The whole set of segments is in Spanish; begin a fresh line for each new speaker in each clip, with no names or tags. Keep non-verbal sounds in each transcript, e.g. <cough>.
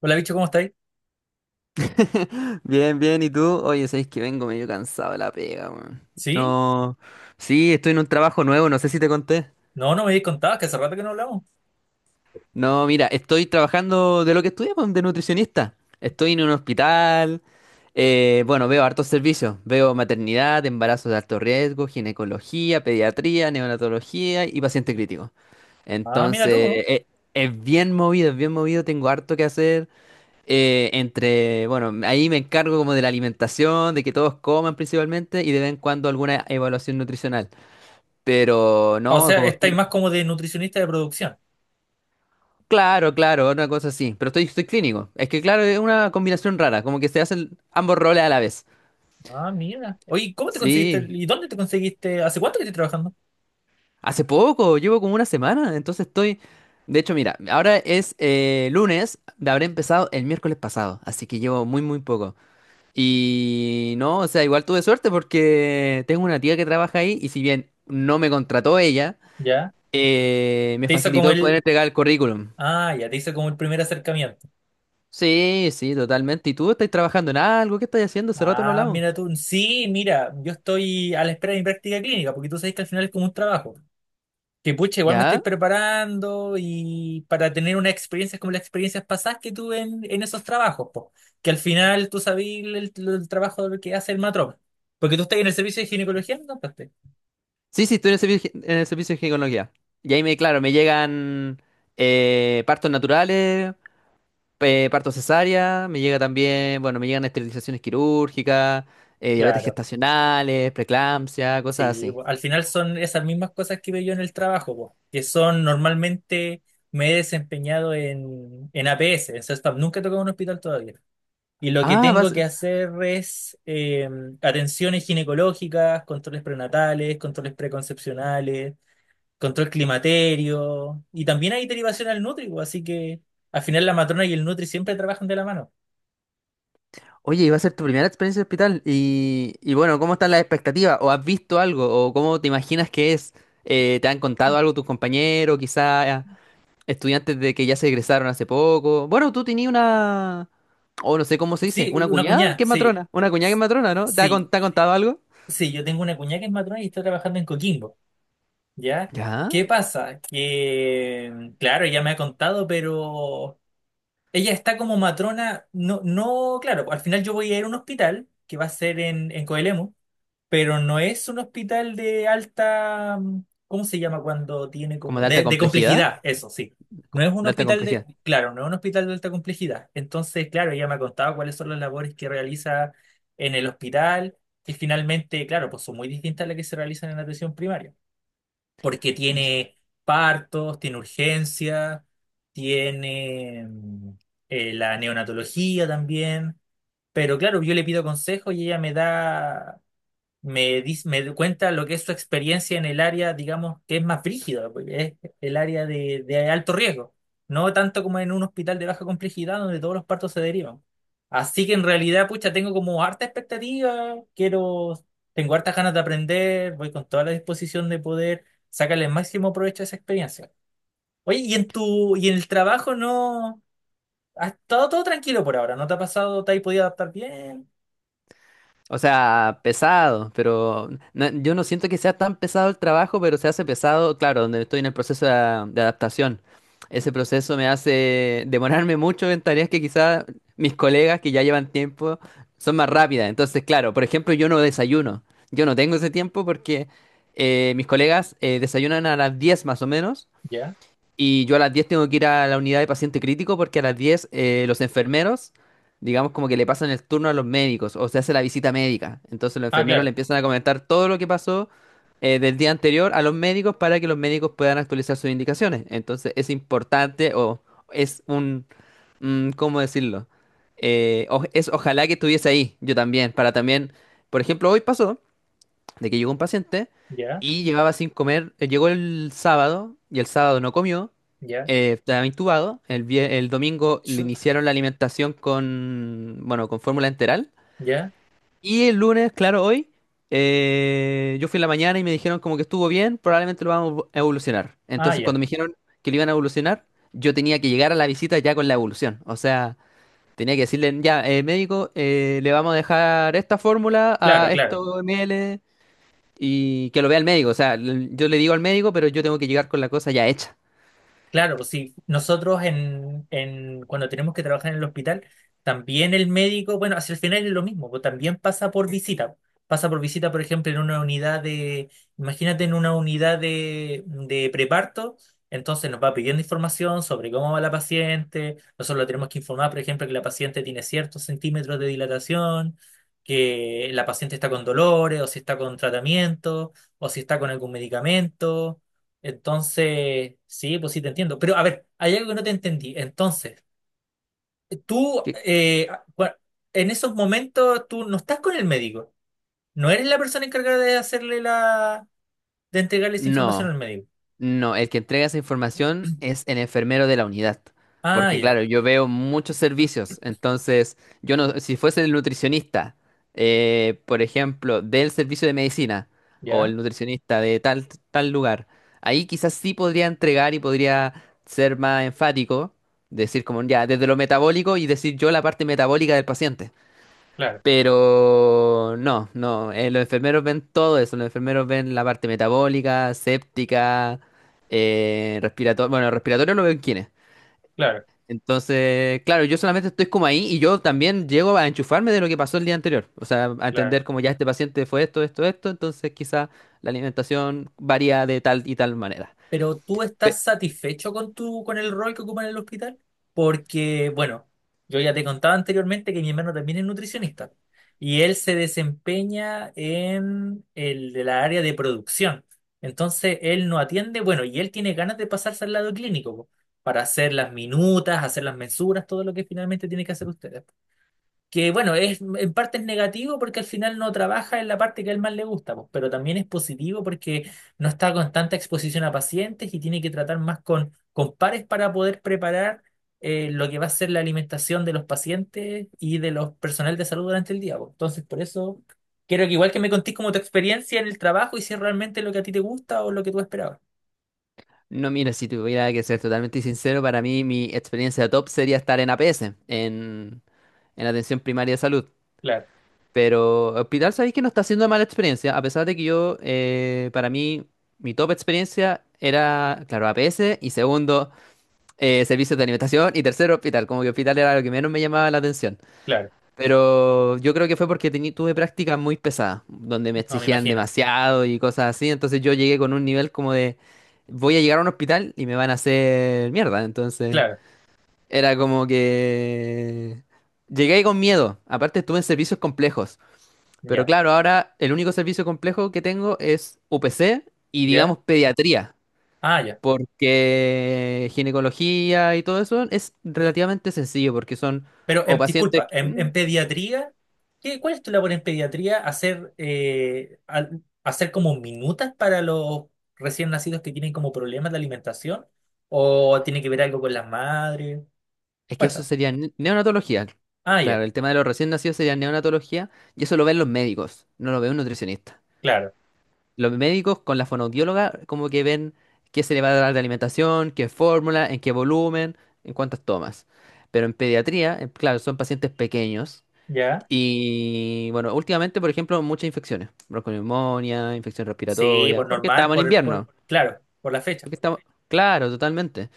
Hola, bicho, ¿cómo estáis?
Bien, bien, ¿y tú? Oye, sabes que vengo medio cansado de la pega, weón.
¿Sí?
No, sí, estoy en un trabajo nuevo, no sé si te conté.
No, no me habéis contado, que hace rato que no hablamos.
No, mira, estoy trabajando de lo que estudié, pues, de nutricionista. Estoy en un hospital, bueno, veo hartos servicios. Veo maternidad, embarazos de alto riesgo, ginecología, pediatría, neonatología y paciente crítico.
Ah, mira tú.
Entonces,
¿No?
es bien movido, tengo harto que hacer. Bueno, ahí me encargo como de la alimentación, de que todos coman principalmente y de vez en cuando alguna evaluación nutricional. Pero
Ah, o
no,
sea,
como estoy.
estáis más como de nutricionista de producción.
Claro, claro, una cosa así. Pero estoy clínico. Es que claro, es una combinación rara, como que se hacen ambos roles a la vez.
Ah, mira. Oye, ¿cómo te conseguiste?
Sí,
¿Y dónde te conseguiste? ¿Hace cuánto que estás trabajando?
hace poco, llevo como una semana, entonces estoy. De hecho, mira, ahora es lunes, habré empezado el miércoles pasado, así que llevo muy, muy poco. Y no, o sea, igual tuve suerte porque tengo una tía que trabaja ahí y si bien no me contrató ella,
Ya.
me
Te hizo
facilitó
como
el poder
el...
entregar el currículum.
Ah, ya, te hizo como el primer acercamiento.
Sí, sí, totalmente. ¿Y tú estás trabajando en algo? ¿Qué estás haciendo? Hace rato no
Ah,
hablamos.
mira tú. Sí, mira, yo estoy a la espera de mi práctica clínica, porque tú sabes que al final es como un trabajo. Que pucha, igual me estoy
¿Ya?
preparando y para tener unas experiencias como las experiencias pasadas que tuve en esos trabajos, po. Que al final tú sabías el trabajo que hace el matrón. Porque tú estás en el servicio de ginecología, ¿no? Pues,
Sí, sí, estoy en el servicio de ginecología. Y ahí me llegan partos naturales, partos cesárea, me llega también, bueno, me llegan esterilizaciones quirúrgicas, diabetes
claro,
gestacionales, preeclampsia, cosas
sí,
así.
po. Al final son esas mismas cosas que veo yo en el trabajo, po. Que son normalmente me he desempeñado en APS, en SESPAM, nunca he tocado un hospital todavía. Y lo que
Ah,
tengo
vas.
que hacer es atenciones ginecológicas, controles prenatales, controles preconcepcionales, control climaterio, y también hay derivación al Nutri, pues, así que al final la matrona y el Nutri siempre trabajan de la mano.
Oye, iba a ser tu primera experiencia en hospital y, bueno, ¿cómo están las expectativas? ¿O has visto algo? ¿O cómo te imaginas que es? ¿Te han contado algo tus compañeros, quizás estudiantes de que ya se egresaron hace poco? Bueno, tú tenías una, o no sé cómo se dice,
Sí,
una
una
cuñada
cuñada,
que es
sí.
matrona, una cuñada que es matrona, ¿no? ¿Te ha, con-
Sí,
te ha contado algo?
sí, yo tengo una cuñada que es matrona y está trabajando en Coquimbo, ¿ya?
¿Ya?
¿Qué pasa? Que, claro, ella me ha contado, pero ella está como matrona, no, no, claro, al final yo voy a ir a un hospital que va a ser en Coelemu, pero no es un hospital de alta, mm, ¿cómo se llama cuando tiene
¿Como
como,
de alta
de
complejidad?
complejidad, eso sí. No es un
¿De alta
hospital de,
complejidad?
claro, no es un hospital de alta complejidad. Entonces, claro, ella me ha contado cuáles son las labores que realiza en el hospital, que finalmente, claro, pues son muy distintas a las que se realizan en la atención primaria, porque tiene partos, tiene urgencia, tiene mm, la neonatología también. Pero claro, yo le pido consejo y ella me da me, me cuenta lo que es su experiencia en el área, digamos, que es más brígida, porque es el área de alto riesgo, no tanto como en un hospital de baja complejidad donde todos los partos se derivan. Así que en realidad, pucha, tengo como harta expectativa, quiero, tengo hartas ganas de aprender, voy con toda la disposición de poder sacarle el máximo provecho a esa experiencia. Oye, y en tu, y en el trabajo no, ha estado todo tranquilo por ahora, ¿no te ha pasado, te has podido adaptar bien?
O sea, pesado, pero yo no siento que sea tan pesado el trabajo, pero se hace pesado, claro, donde estoy en el proceso de adaptación. Ese proceso me hace demorarme mucho en tareas que quizás mis colegas que ya llevan tiempo son más rápidas. Entonces, claro, por ejemplo, yo no desayuno. Yo no tengo ese tiempo porque mis colegas desayunan a las 10 más o menos.
Ya.
Y yo a las 10 tengo que ir a la unidad de paciente crítico porque a las 10 los enfermeros, digamos, como que le pasan el turno a los médicos o se hace la visita médica. Entonces los
Ah,
enfermeros le
claro.
empiezan a comentar todo lo que pasó del día anterior a los médicos para que los médicos puedan actualizar sus indicaciones. Entonces es importante o es un, ¿cómo decirlo? Es ojalá que estuviese ahí yo también, para también, por ejemplo, hoy pasó de que llegó un paciente
Ya,
y llevaba sin comer, llegó el sábado y el sábado no comió,
ya.
estaba intubado, el domingo le
Chuta.
iniciaron la alimentación con, bueno, con fórmula enteral
Ya.
y el lunes, claro, hoy, yo fui en la mañana y me dijeron como que estuvo bien, probablemente lo vamos a evolucionar.
Ah,
Entonces
ya,
cuando me dijeron que lo iban a evolucionar, yo tenía que llegar a la visita ya con la evolución, o sea. Tenía que decirle, ya, médico, le vamos a dejar esta fórmula a
claro, claro.
estos ml y que lo vea el médico. O sea, yo le digo al médico, pero yo tengo que llegar con la cosa ya hecha.
Claro, pues sí, nosotros cuando tenemos que trabajar en el hospital, también el médico, bueno, hacia el final es lo mismo, pues también pasa por visita. Pasa por visita, por ejemplo, en una unidad de, imagínate en una unidad de preparto, entonces nos va pidiendo información sobre cómo va la paciente, nosotros le tenemos que informar, por ejemplo, que la paciente tiene ciertos centímetros de dilatación, que la paciente está con dolores, o si está con tratamiento, o si está con algún medicamento. Entonces, sí, pues sí te entiendo. Pero a ver, hay algo que no te entendí. Entonces, tú,
Que-
en esos momentos, tú no estás con el médico. No eres la persona encargada de hacerle la, de entregarle esa información
No,
al médico.
no, el que entrega esa información es el enfermero de la unidad.
Ah,
Porque claro,
ya,
yo veo muchos servicios, entonces yo no, si fuese el nutricionista, por ejemplo, del servicio de medicina o el
ya,
nutricionista de tal, tal lugar, ahí quizás sí podría entregar y podría ser más enfático, decir como ya, desde lo metabólico y decir yo la parte metabólica del paciente.
claro,
Pero no, no, los enfermeros ven todo eso, los enfermeros ven la parte metabólica, séptica, respiratoria, bueno, respiratorio lo ven quiénes.
claro,
Entonces, claro, yo solamente estoy como ahí y yo también llego a enchufarme de lo que pasó el día anterior, o sea, a
claro.
entender como ya este paciente fue esto, esto, esto, entonces quizá la alimentación varía de tal y tal manera.
¿Pero tú
Pe-
estás satisfecho con tu, con el rol que ocupa en el hospital? Porque, bueno, yo ya te contaba anteriormente que mi hermano también es nutricionista y él se desempeña en el de la área de producción. Entonces, él no atiende, bueno, y él tiene ganas de pasarse al lado clínico po, para hacer las minutas, hacer las mensuras, todo lo que finalmente tiene que hacer usted. Que bueno, es en parte es negativo porque al final no trabaja en la parte que a él más le gusta, pues, pero también es positivo porque no está con tanta exposición a pacientes y tiene que tratar más con pares para poder preparar lo que va a ser la alimentación de los pacientes y de los personal de salud durante el día, pues. Entonces, por eso quiero que igual que me contés como tu experiencia en el trabajo y si es realmente lo que a ti te gusta o lo que tú esperabas.
No, mira, si tuviera que ser totalmente sincero, para mí mi experiencia top sería estar en APS, en Atención Primaria de Salud.
Claro,
Pero Hospital, sabéis que no está siendo mala experiencia, a pesar de que yo, para mí, mi top experiencia era, claro, APS, y segundo, servicios de alimentación, y tercero, Hospital. Como que Hospital era lo que menos me llamaba la atención.
claro,
Pero yo creo que fue porque tuve prácticas muy pesadas, donde me
no me
exigían
imagino.
demasiado y cosas así, entonces yo llegué con un nivel como de, voy a llegar a un hospital y me van a hacer mierda, entonces
Claro,
era como que. Llegué con miedo, aparte estuve en servicios complejos. Pero
ya,
claro, ahora el único servicio complejo que tengo es UPC y
ya.
digamos pediatría,
Ah, ya.
porque ginecología y todo eso es relativamente sencillo, porque son
Pero,
o pacientes,
disculpa, en, en pediatría, ¿qué, cuál es tu labor en pediatría? ¿Hacer, hacer como minutas para los recién nacidos que tienen como problemas de alimentación? ¿O tiene que ver algo con las madres?
es que eso
Cuéntame.
sería neonatología.
Ah, ya,
Claro, el tema de los recién nacidos sería neonatología y eso lo ven los médicos, no lo ve un nutricionista.
claro.
Los médicos con la fonoaudióloga como que ven qué se le va a dar de alimentación, qué fórmula, en qué volumen, en cuántas tomas. Pero en pediatría, claro, son pacientes pequeños.
¿Ya?
Y bueno, últimamente, por ejemplo, muchas infecciones, bronconeumonía, infección
Sí,
respiratoria,
por
porque
normal,
estamos en
por,
invierno,
claro, por la fecha.
porque estamos, claro, totalmente.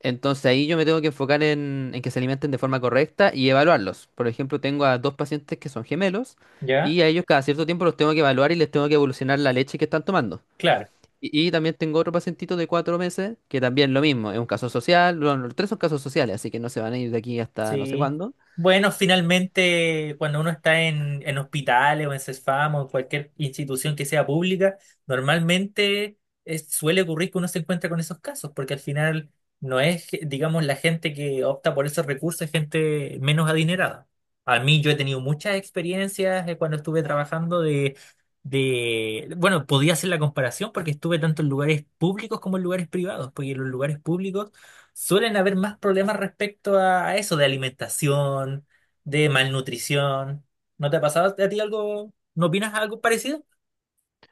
Entonces ahí yo me tengo que enfocar en que se alimenten de forma correcta y evaluarlos. Por ejemplo, tengo a dos pacientes que son gemelos
¿Ya?
y a ellos cada cierto tiempo los tengo que evaluar y les tengo que evolucionar la leche que están tomando.
Claro.
Y también tengo otro pacientito de 4 meses que también lo mismo, es un caso social, bueno, los tres son casos sociales, así que no se van a ir de aquí hasta no sé
Sí.
cuándo.
Bueno, finalmente, cuando uno está en hospitales o en CESFAM o en cualquier institución que sea pública, normalmente suele ocurrir que uno se encuentra con esos casos, porque al final no es, digamos, la gente que opta por esos recursos, es gente menos adinerada. A mí yo he tenido muchas experiencias cuando estuve trabajando de, bueno, podía hacer la comparación porque estuve tanto en lugares públicos como en lugares privados, porque en los lugares públicos suelen haber más problemas respecto a eso, de alimentación, de malnutrición. ¿No te ha pasado a ti algo? ¿No opinas algo parecido?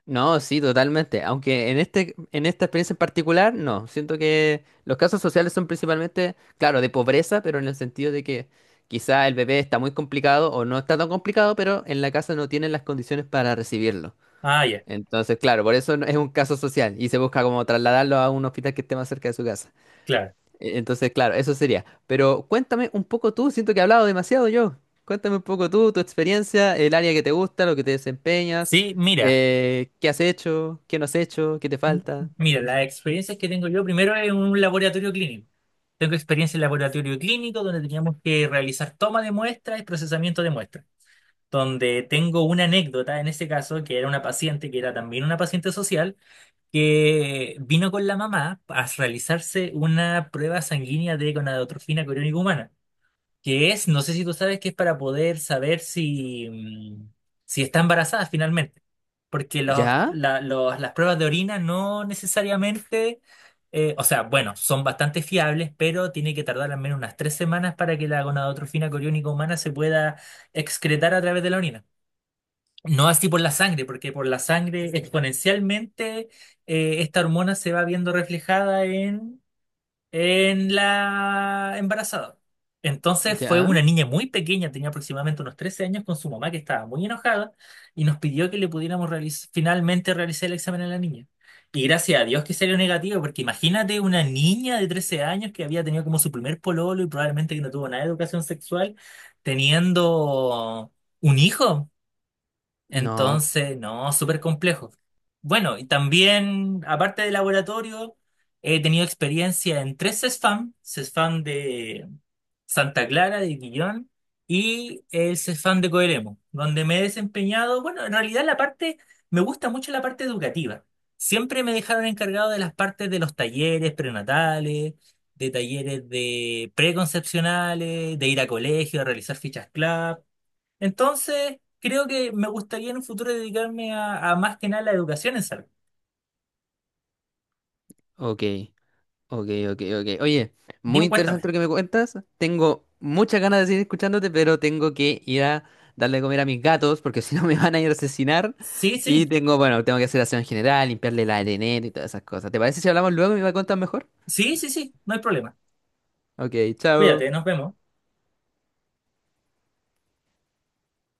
No, sí, totalmente. Aunque en esta experiencia en particular, no. Siento que los casos sociales son principalmente, claro, de pobreza, pero en el sentido de que quizá el bebé está muy complicado o no está tan complicado, pero en la casa no tienen las condiciones para recibirlo.
Ah, ya,
Entonces, claro, por eso es un caso social y se busca como trasladarlo a un hospital que esté más cerca de su casa.
claro.
Entonces, claro, eso sería. Pero cuéntame un poco tú, siento que he hablado demasiado yo. Cuéntame un poco tú, tu experiencia, el área que te gusta, lo que te desempeñas,
Sí, mira,
qué has hecho, qué no has hecho, qué te
m-
falta.
mira, las experiencias que tengo yo, primero en un laboratorio clínico. Tengo experiencia en laboratorio clínico donde teníamos que realizar toma de muestras y procesamiento de muestras, donde tengo una anécdota en ese caso, que era una paciente, que era también una paciente social. Que vino con la mamá a realizarse una prueba sanguínea de gonadotrofina coriónica humana, que es, no sé si tú sabes, que es para poder saber si, mm, si está embarazada finalmente, porque los,
¿Ya?
las pruebas de orina no necesariamente, o sea, bueno, son bastante fiables, pero tiene que tardar al menos unas 3 semanas para que la gonadotrofina coriónica humana se pueda excretar a través de la orina. No así por la sangre, porque por la sangre exponencialmente esta hormona se va viendo reflejada en la embarazada. Entonces fue
¿Ya?
una niña muy pequeña, tenía aproximadamente unos 13 años, con su mamá que estaba muy enojada y nos pidió que le pudiéramos finalmente realizar el examen a la niña. Y gracias a Dios que salió negativo, porque imagínate una niña de 13 años que había tenido como su primer pololo y probablemente que no tuvo nada de educación sexual, teniendo un hijo.
No,
Entonces, no, súper complejo. Bueno, y también, aparte de laboratorio, he tenido experiencia en 3 CESFAM, CESFAM de Santa Clara, de Quillón, y el CESFAM de Coelemo, donde me he desempeñado, bueno, en realidad la parte, me gusta mucho la parte educativa. Siempre me dejaron encargado de las partes de los talleres prenatales, de talleres de preconcepcionales, de ir a colegio, a realizar fichas club. Entonces, creo que me gustaría en un futuro dedicarme a más que nada la educación en salud.
ok, ok, ok, ok. Oye, muy
Dime,
interesante
cuéntame.
lo que me cuentas. Tengo muchas ganas de seguir escuchándote, pero tengo que ir a darle de comer a mis gatos porque <laughs> si no me van a ir a asesinar.
Sí,
Y
sí,
bueno, tengo que hacer aseo en general, limpiarle la arenera y todas esas cosas. ¿Te parece si hablamos luego y me cuentas mejor?
sí, sí, sí, no hay problema.
Ok, chao.
Cuídate, nos vemos.